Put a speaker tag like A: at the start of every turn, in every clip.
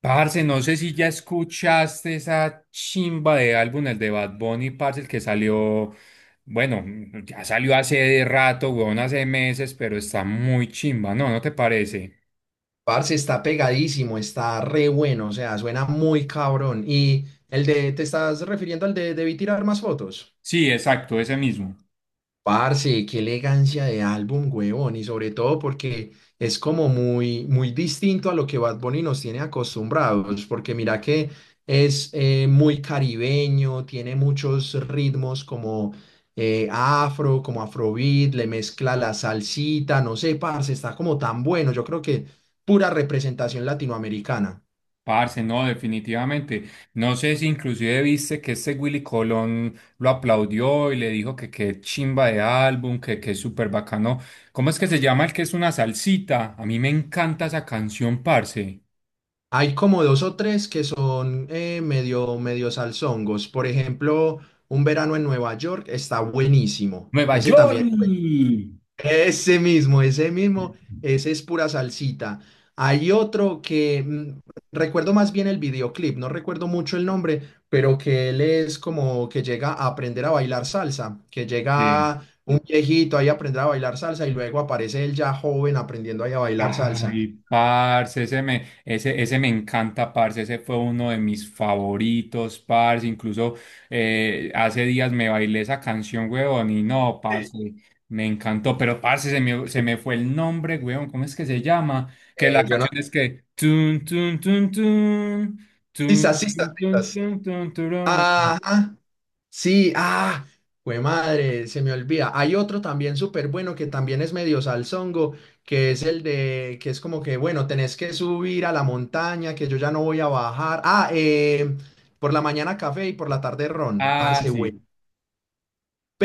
A: Parce, no sé si ya escuchaste esa chimba de álbum, el de Bad Bunny, parce, el que salió, bueno, ya salió hace rato, weón, hace meses, pero está muy chimba, ¿no? ¿No te parece?
B: Parce, está pegadísimo, está re bueno, o sea, suena muy cabrón. ¿Y el de, te estás refiriendo al de Debí tirar más fotos?
A: Sí, exacto, ese mismo.
B: Parce, qué elegancia de álbum, huevón, y sobre todo porque es como muy distinto a lo que Bad Bunny nos tiene acostumbrados, porque mira que es muy caribeño, tiene muchos ritmos como afro, como afrobeat, le mezcla la salsita, no sé, parce, está como tan bueno, yo creo que pura representación latinoamericana.
A: Parce, no, definitivamente. No sé si inclusive viste que este Willy Colón lo aplaudió y le dijo que qué chimba de álbum, que qué súper bacano. ¿Cómo es que se llama el que es una salsita? A mí me encanta esa canción, parce.
B: Hay como dos o tres que son medio salsongos. Por ejemplo, Un verano en Nueva York está buenísimo.
A: Nueva
B: Ese
A: York.
B: también, pues, ese mismo, ese es pura salsita. Hay otro que recuerdo más bien el videoclip, no recuerdo mucho el nombre, pero que él es como que llega a aprender a bailar salsa, que
A: Sí.
B: llega un viejito ahí a aprender a bailar salsa y luego aparece él ya joven aprendiendo ahí a bailar salsa.
A: Ay, parce, ese me encanta, parce, ese fue uno de mis favoritos, parce, incluso hace días me bailé esa canción, weón, y no,
B: Sí.
A: parce, me encantó, pero parce, se me fue el nombre, weón, ¿cómo es que se llama? Que la
B: Yo no.
A: canción es que tun, tun, tun, tun,
B: Sí,
A: tun, tun, tun, tun, tun, tururu.
B: ajá, sí, ah, güey madre, se me olvida. Hay otro también súper bueno que también es medio salsongo, que es que es como que, bueno, tenés que subir a la montaña, que yo ya no voy a bajar. Ah, por la mañana café y por la tarde ron,
A: Ah,
B: parce, güey.
A: sí,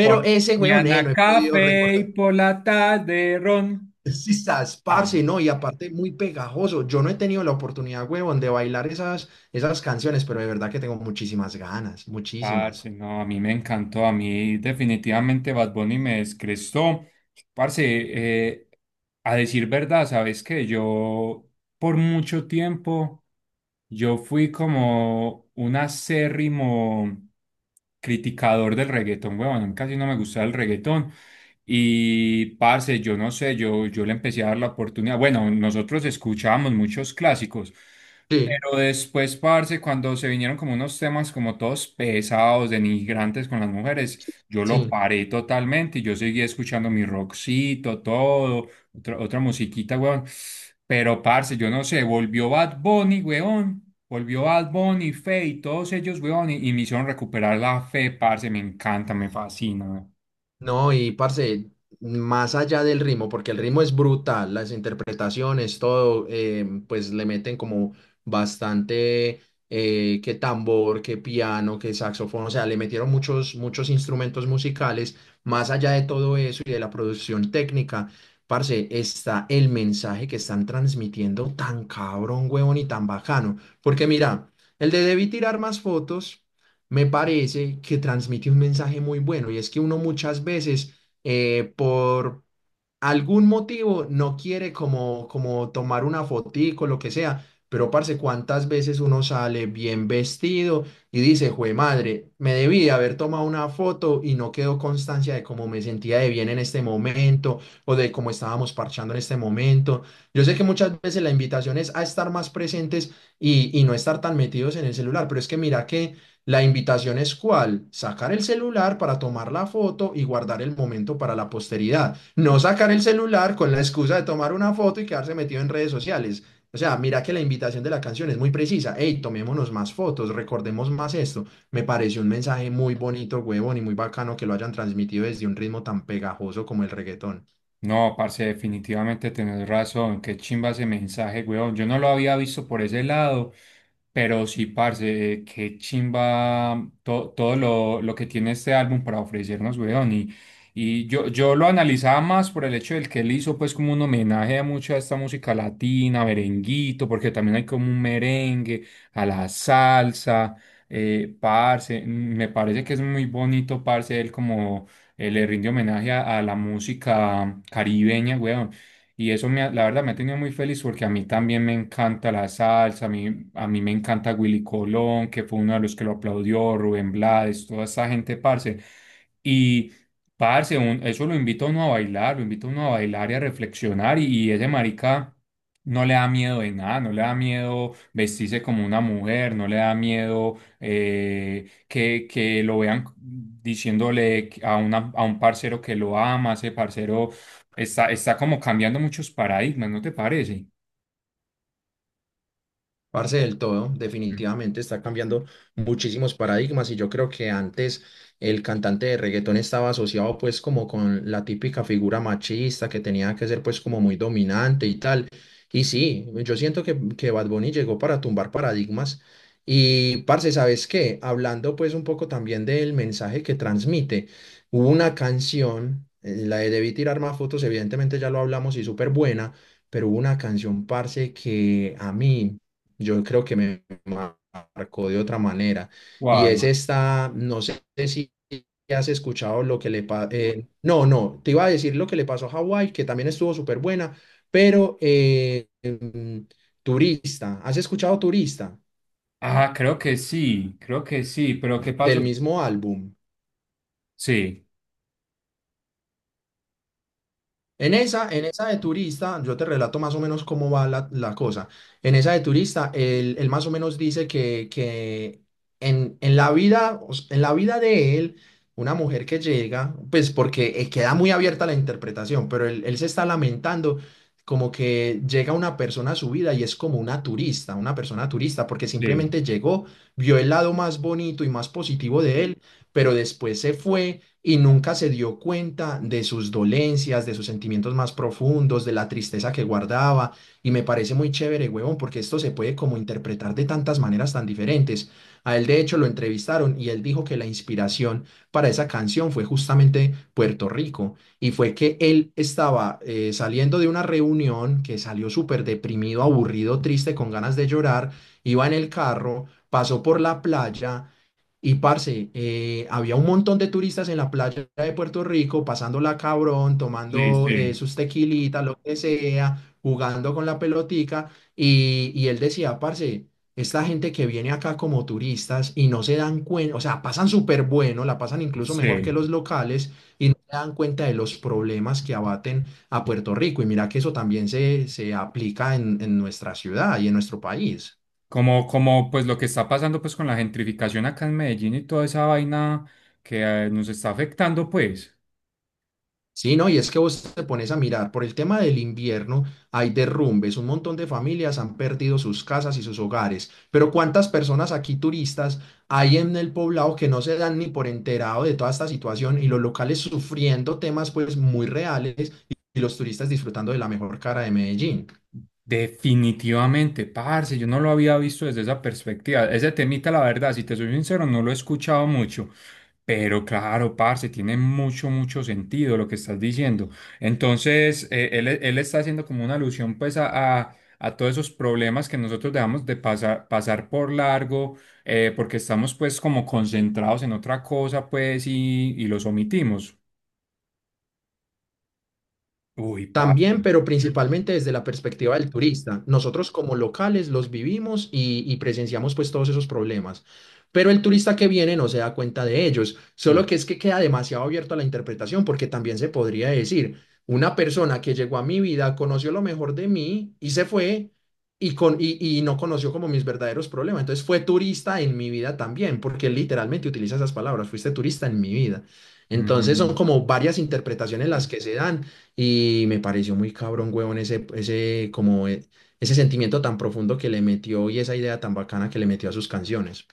A: por
B: ese weón, no
A: mañana
B: he podido
A: café y
B: recordar.
A: por la tarde ron.
B: Sí, estás,
A: Ah,
B: parce, no, y aparte muy pegajoso. Yo no he tenido la oportunidad, weón, de bailar esas canciones, pero de verdad que tengo muchísimas ganas,
A: parce,
B: muchísimas.
A: no, a mí me encantó, a mí definitivamente Bad Bunny me descrestó. Parce, eh, a decir verdad, sabes que yo por mucho tiempo, yo fui como un acérrimo criticador del reggaetón, weón, casi no me gustaba el reggaetón. Y parce, yo no sé, yo le empecé a dar la oportunidad. Bueno, nosotros escuchábamos muchos clásicos.
B: Sí,
A: Pero después, parce, cuando se vinieron como unos temas como todos pesados, denigrantes con las mujeres, yo lo
B: sí.
A: paré totalmente y yo seguí escuchando mi rockcito, todo, otra musiquita, weón. Pero, parce, yo no sé, volvió Bad Bunny, weón. Volvió Bad Bunny, Feid, todos ellos, weón, y me hicieron recuperar la fe, parce, me encanta, me fascina, weón.
B: No, y parce, más allá del ritmo, porque el ritmo es brutal, las interpretaciones, todo, pues le meten como bastante, que tambor, que piano, que saxofón, o sea, le metieron muchos instrumentos musicales, más allá de todo eso y de la producción técnica, parce, está el mensaje que están transmitiendo tan cabrón, huevón y tan bacano, porque mira, el de Debí tirar más fotos me parece que transmite un mensaje muy bueno y es que uno muchas veces eh, por, algún motivo no quiere como tomar una fotico, lo que sea. Pero, parce, ¿cuántas veces uno sale bien vestido y dice, jue madre, me debí de haber tomado una foto y no quedó constancia de cómo me sentía de bien en este momento o de cómo estábamos parchando en este momento? Yo sé que muchas veces la invitación es a estar más presentes y no estar tan metidos en el celular, pero es que mira que la invitación es cuál, sacar el celular para tomar la foto y guardar el momento para la posteridad, no sacar el celular con la excusa de tomar una foto y quedarse metido en redes sociales. O sea, mira que la invitación de la canción es muy precisa. Hey, tomémonos más fotos, recordemos más esto. Me pareció un mensaje muy bonito, huevón, y muy bacano que lo hayan transmitido desde un ritmo tan pegajoso como el reggaetón.
A: No, parce, definitivamente tenés razón. Qué chimba ese mensaje, weón. Yo no lo había visto por ese lado, pero sí, parce, qué chimba to- todo lo que tiene este álbum para ofrecernos, weón. Y, y, yo lo analizaba más por el hecho del que él hizo, pues, como un homenaje a mucha de esta música latina, merenguito, porque también hay como un merengue, a la salsa, parce. Me parece que es muy bonito, parce, él como le rinde homenaje a la música caribeña, weón. Y eso me ha- la verdad me ha tenido muy feliz porque a mí también me encanta la salsa, a mí me encanta Willy Colón, que fue uno de los que lo aplaudió, Rubén Blades, toda esa gente, parce. Y, parce, un- eso lo invito a uno a bailar, lo invito a uno a bailar y a reflexionar y ese marica no le da miedo de nada, no le da miedo vestirse como una mujer, no le da miedo que lo vean diciéndole a, una, a un parcero que lo ama, ese parcero está, está como cambiando muchos paradigmas, ¿no te parece?
B: Parce del todo, definitivamente está cambiando muchísimos paradigmas y yo creo que antes el cantante de reggaetón estaba asociado pues como con la típica figura machista que tenía que ser pues como muy dominante y tal. Y sí, yo siento que Bad Bunny llegó para tumbar paradigmas y parce, ¿sabes qué? Hablando pues un poco también del mensaje que transmite, hubo una canción, la de Debí tirar más fotos, evidentemente ya lo hablamos y súper buena. Pero hubo una canción, parce, que a mí yo creo que me marcó de otra manera. Y es
A: ¿Cuál?
B: esta, no sé si has escuchado lo que le pasó, no, no, te iba a decir lo que le pasó a Hawái, que también estuvo súper buena, pero Turista, ¿has escuchado Turista?
A: Ah, creo que sí, pero ¿qué
B: Del
A: pasó?
B: mismo álbum.
A: Sí,
B: En esa de turista, yo te relato más o menos cómo va la cosa. En esa de turista, él más o menos dice que en la vida, o s- en la vida de él, una mujer que llega, pues porque queda muy abierta la interpretación, pero él se está lamentando como que llega una persona a su vida y es como una turista, una persona turista, porque
A: sí,
B: simplemente llegó, vio el lado más bonito y más positivo de él, pero después se fue y nunca se dio cuenta de sus dolencias, de sus sentimientos más profundos, de la tristeza que guardaba. Y me parece muy chévere, huevón, porque esto se puede como interpretar de tantas maneras tan diferentes. A él, de hecho, lo entrevistaron y él dijo que la inspiración para esa canción fue justamente Puerto Rico. Y fue que él estaba saliendo de una reunión, que salió súper deprimido, aburrido, triste, con ganas de llorar. Iba en el carro, pasó por la playa y parce, había un montón de turistas en la playa de Puerto Rico, pasándola cabrón,
A: sí,
B: tomando
A: sí,
B: sus tequilitas, lo que sea, jugando con la pelotica. Y él decía, parce, esta gente que viene acá como turistas y no se dan cuenta, o sea, pasan súper bueno, la pasan incluso mejor que
A: sí.
B: los locales y no se dan cuenta de los problemas que abaten a Puerto Rico. Y mira que eso también se aplica en nuestra ciudad y en nuestro país.
A: Como, como pues lo que está pasando pues con la gentrificación acá en Medellín y toda esa vaina que nos está afectando, pues.
B: Sí, no, y es que vos te pones a mirar, por el tema del invierno hay derrumbes, un montón de familias han perdido sus casas y sus hogares, pero ¿cuántas personas aquí turistas hay en el poblado que no se dan ni por enterado de toda esta situación y los locales sufriendo temas pues muy reales y los turistas disfrutando de la mejor cara de Medellín?
A: Definitivamente, parce, yo no lo había visto desde esa perspectiva. Ese temita, la verdad, si te soy sincero, no lo he escuchado mucho. Pero claro, parce, tiene mucho, mucho sentido lo que estás diciendo. Entonces, él, él está haciendo como una alusión pues a todos esos problemas que nosotros dejamos de pasar, pasar por largo, porque estamos pues como concentrados en otra cosa pues y los omitimos. Uy, parce.
B: También, pero
A: Mm,
B: principalmente desde la perspectiva del turista. Nosotros como locales los vivimos y presenciamos pues todos esos problemas. Pero el turista que viene no se da cuenta de ellos. Solo que es que queda demasiado abierto a la interpretación porque también se podría decir, una persona que llegó a mi vida, conoció lo mejor de mí y se fue y no conoció como mis verdaderos problemas. Entonces fue turista en mi vida también, porque él literalmente utiliza esas palabras, fuiste turista en mi vida.
A: mm,
B: Entonces son
A: mm.
B: como varias interpretaciones las que se dan y me pareció muy cabrón, huevón, ese sentimiento tan profundo que le metió y esa idea tan bacana que le metió a sus canciones.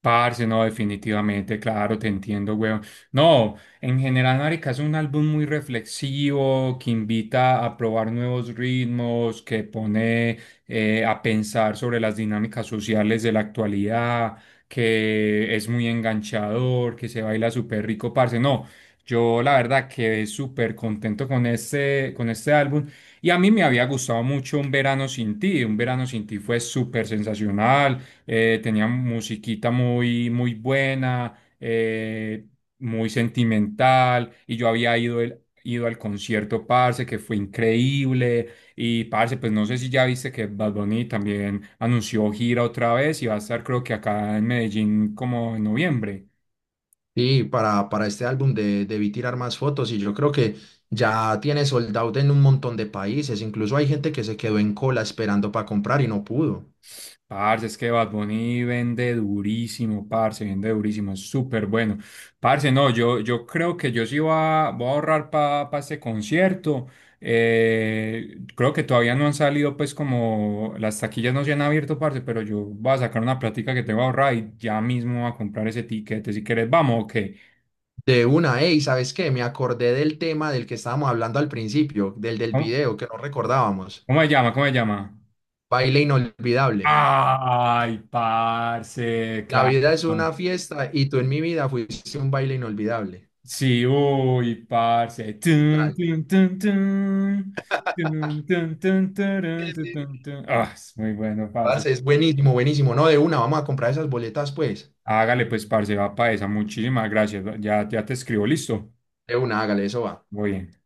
A: Parce, no, definitivamente, claro, te entiendo, weón. No, en general, marica, es un álbum muy reflexivo, que invita a probar nuevos ritmos, que pone a pensar sobre las dinámicas sociales de la actualidad, que es muy enganchador, que se baila súper rico, parce. No, yo la verdad quedé súper contento con este álbum. Y a mí me había gustado mucho Un Verano Sin Ti. Un Verano Sin Ti fue súper sensacional, tenía musiquita muy, muy buena, muy sentimental, y yo había ido, el- ido al concierto, parce, que fue increíble, y parce, pues no sé si ya viste que Bad Bunny también anunció gira otra vez y va a estar creo que acá en Medellín como en noviembre.
B: Y para este álbum de Debí tirar más fotos, y yo creo que ya tiene sold out en un montón de países. Incluso hay gente que se quedó en cola esperando para comprar y no pudo.
A: Parce, es que Bad Bunny vende durísimo, parce, vende durísimo, es súper bueno. Parce, no, yo creo que yo sí voy a ahorrar para este concierto. Creo que todavía no han salido, pues, como las taquillas no se han abierto, parce, pero yo voy a sacar una plática que tengo ahorrada y ya mismo voy a comprar ese tiquete. Si querés, vamos, ok.
B: De una, hey, ¿sabes qué? Me acordé del tema del que estábamos hablando al principio, del
A: ¿Cómo,
B: video que no recordábamos.
A: cómo se llama? ¿Cómo se llama?
B: Baile inolvidable.
A: Ay, parce,
B: La
A: claro.
B: vida es una fiesta y tú en mi vida fuiste un baile inolvidable.
A: Sí, uy, parce. Ahí, tun,
B: Tal.
A: tun, tun, tun, tun, tun, tun,
B: Sí,
A: tarun, tun,
B: sí.
A: tun, tun. Ah, es muy bueno, parce.
B: Parce, es buenísimo, buenísimo. No, de una, vamos a comprar esas boletas, pues.
A: Hágale, pues, parce, va para esa. Muchísimas gracias. Ya, ya te escribo, listo.
B: De una, hágale, eso va.
A: Muy bien.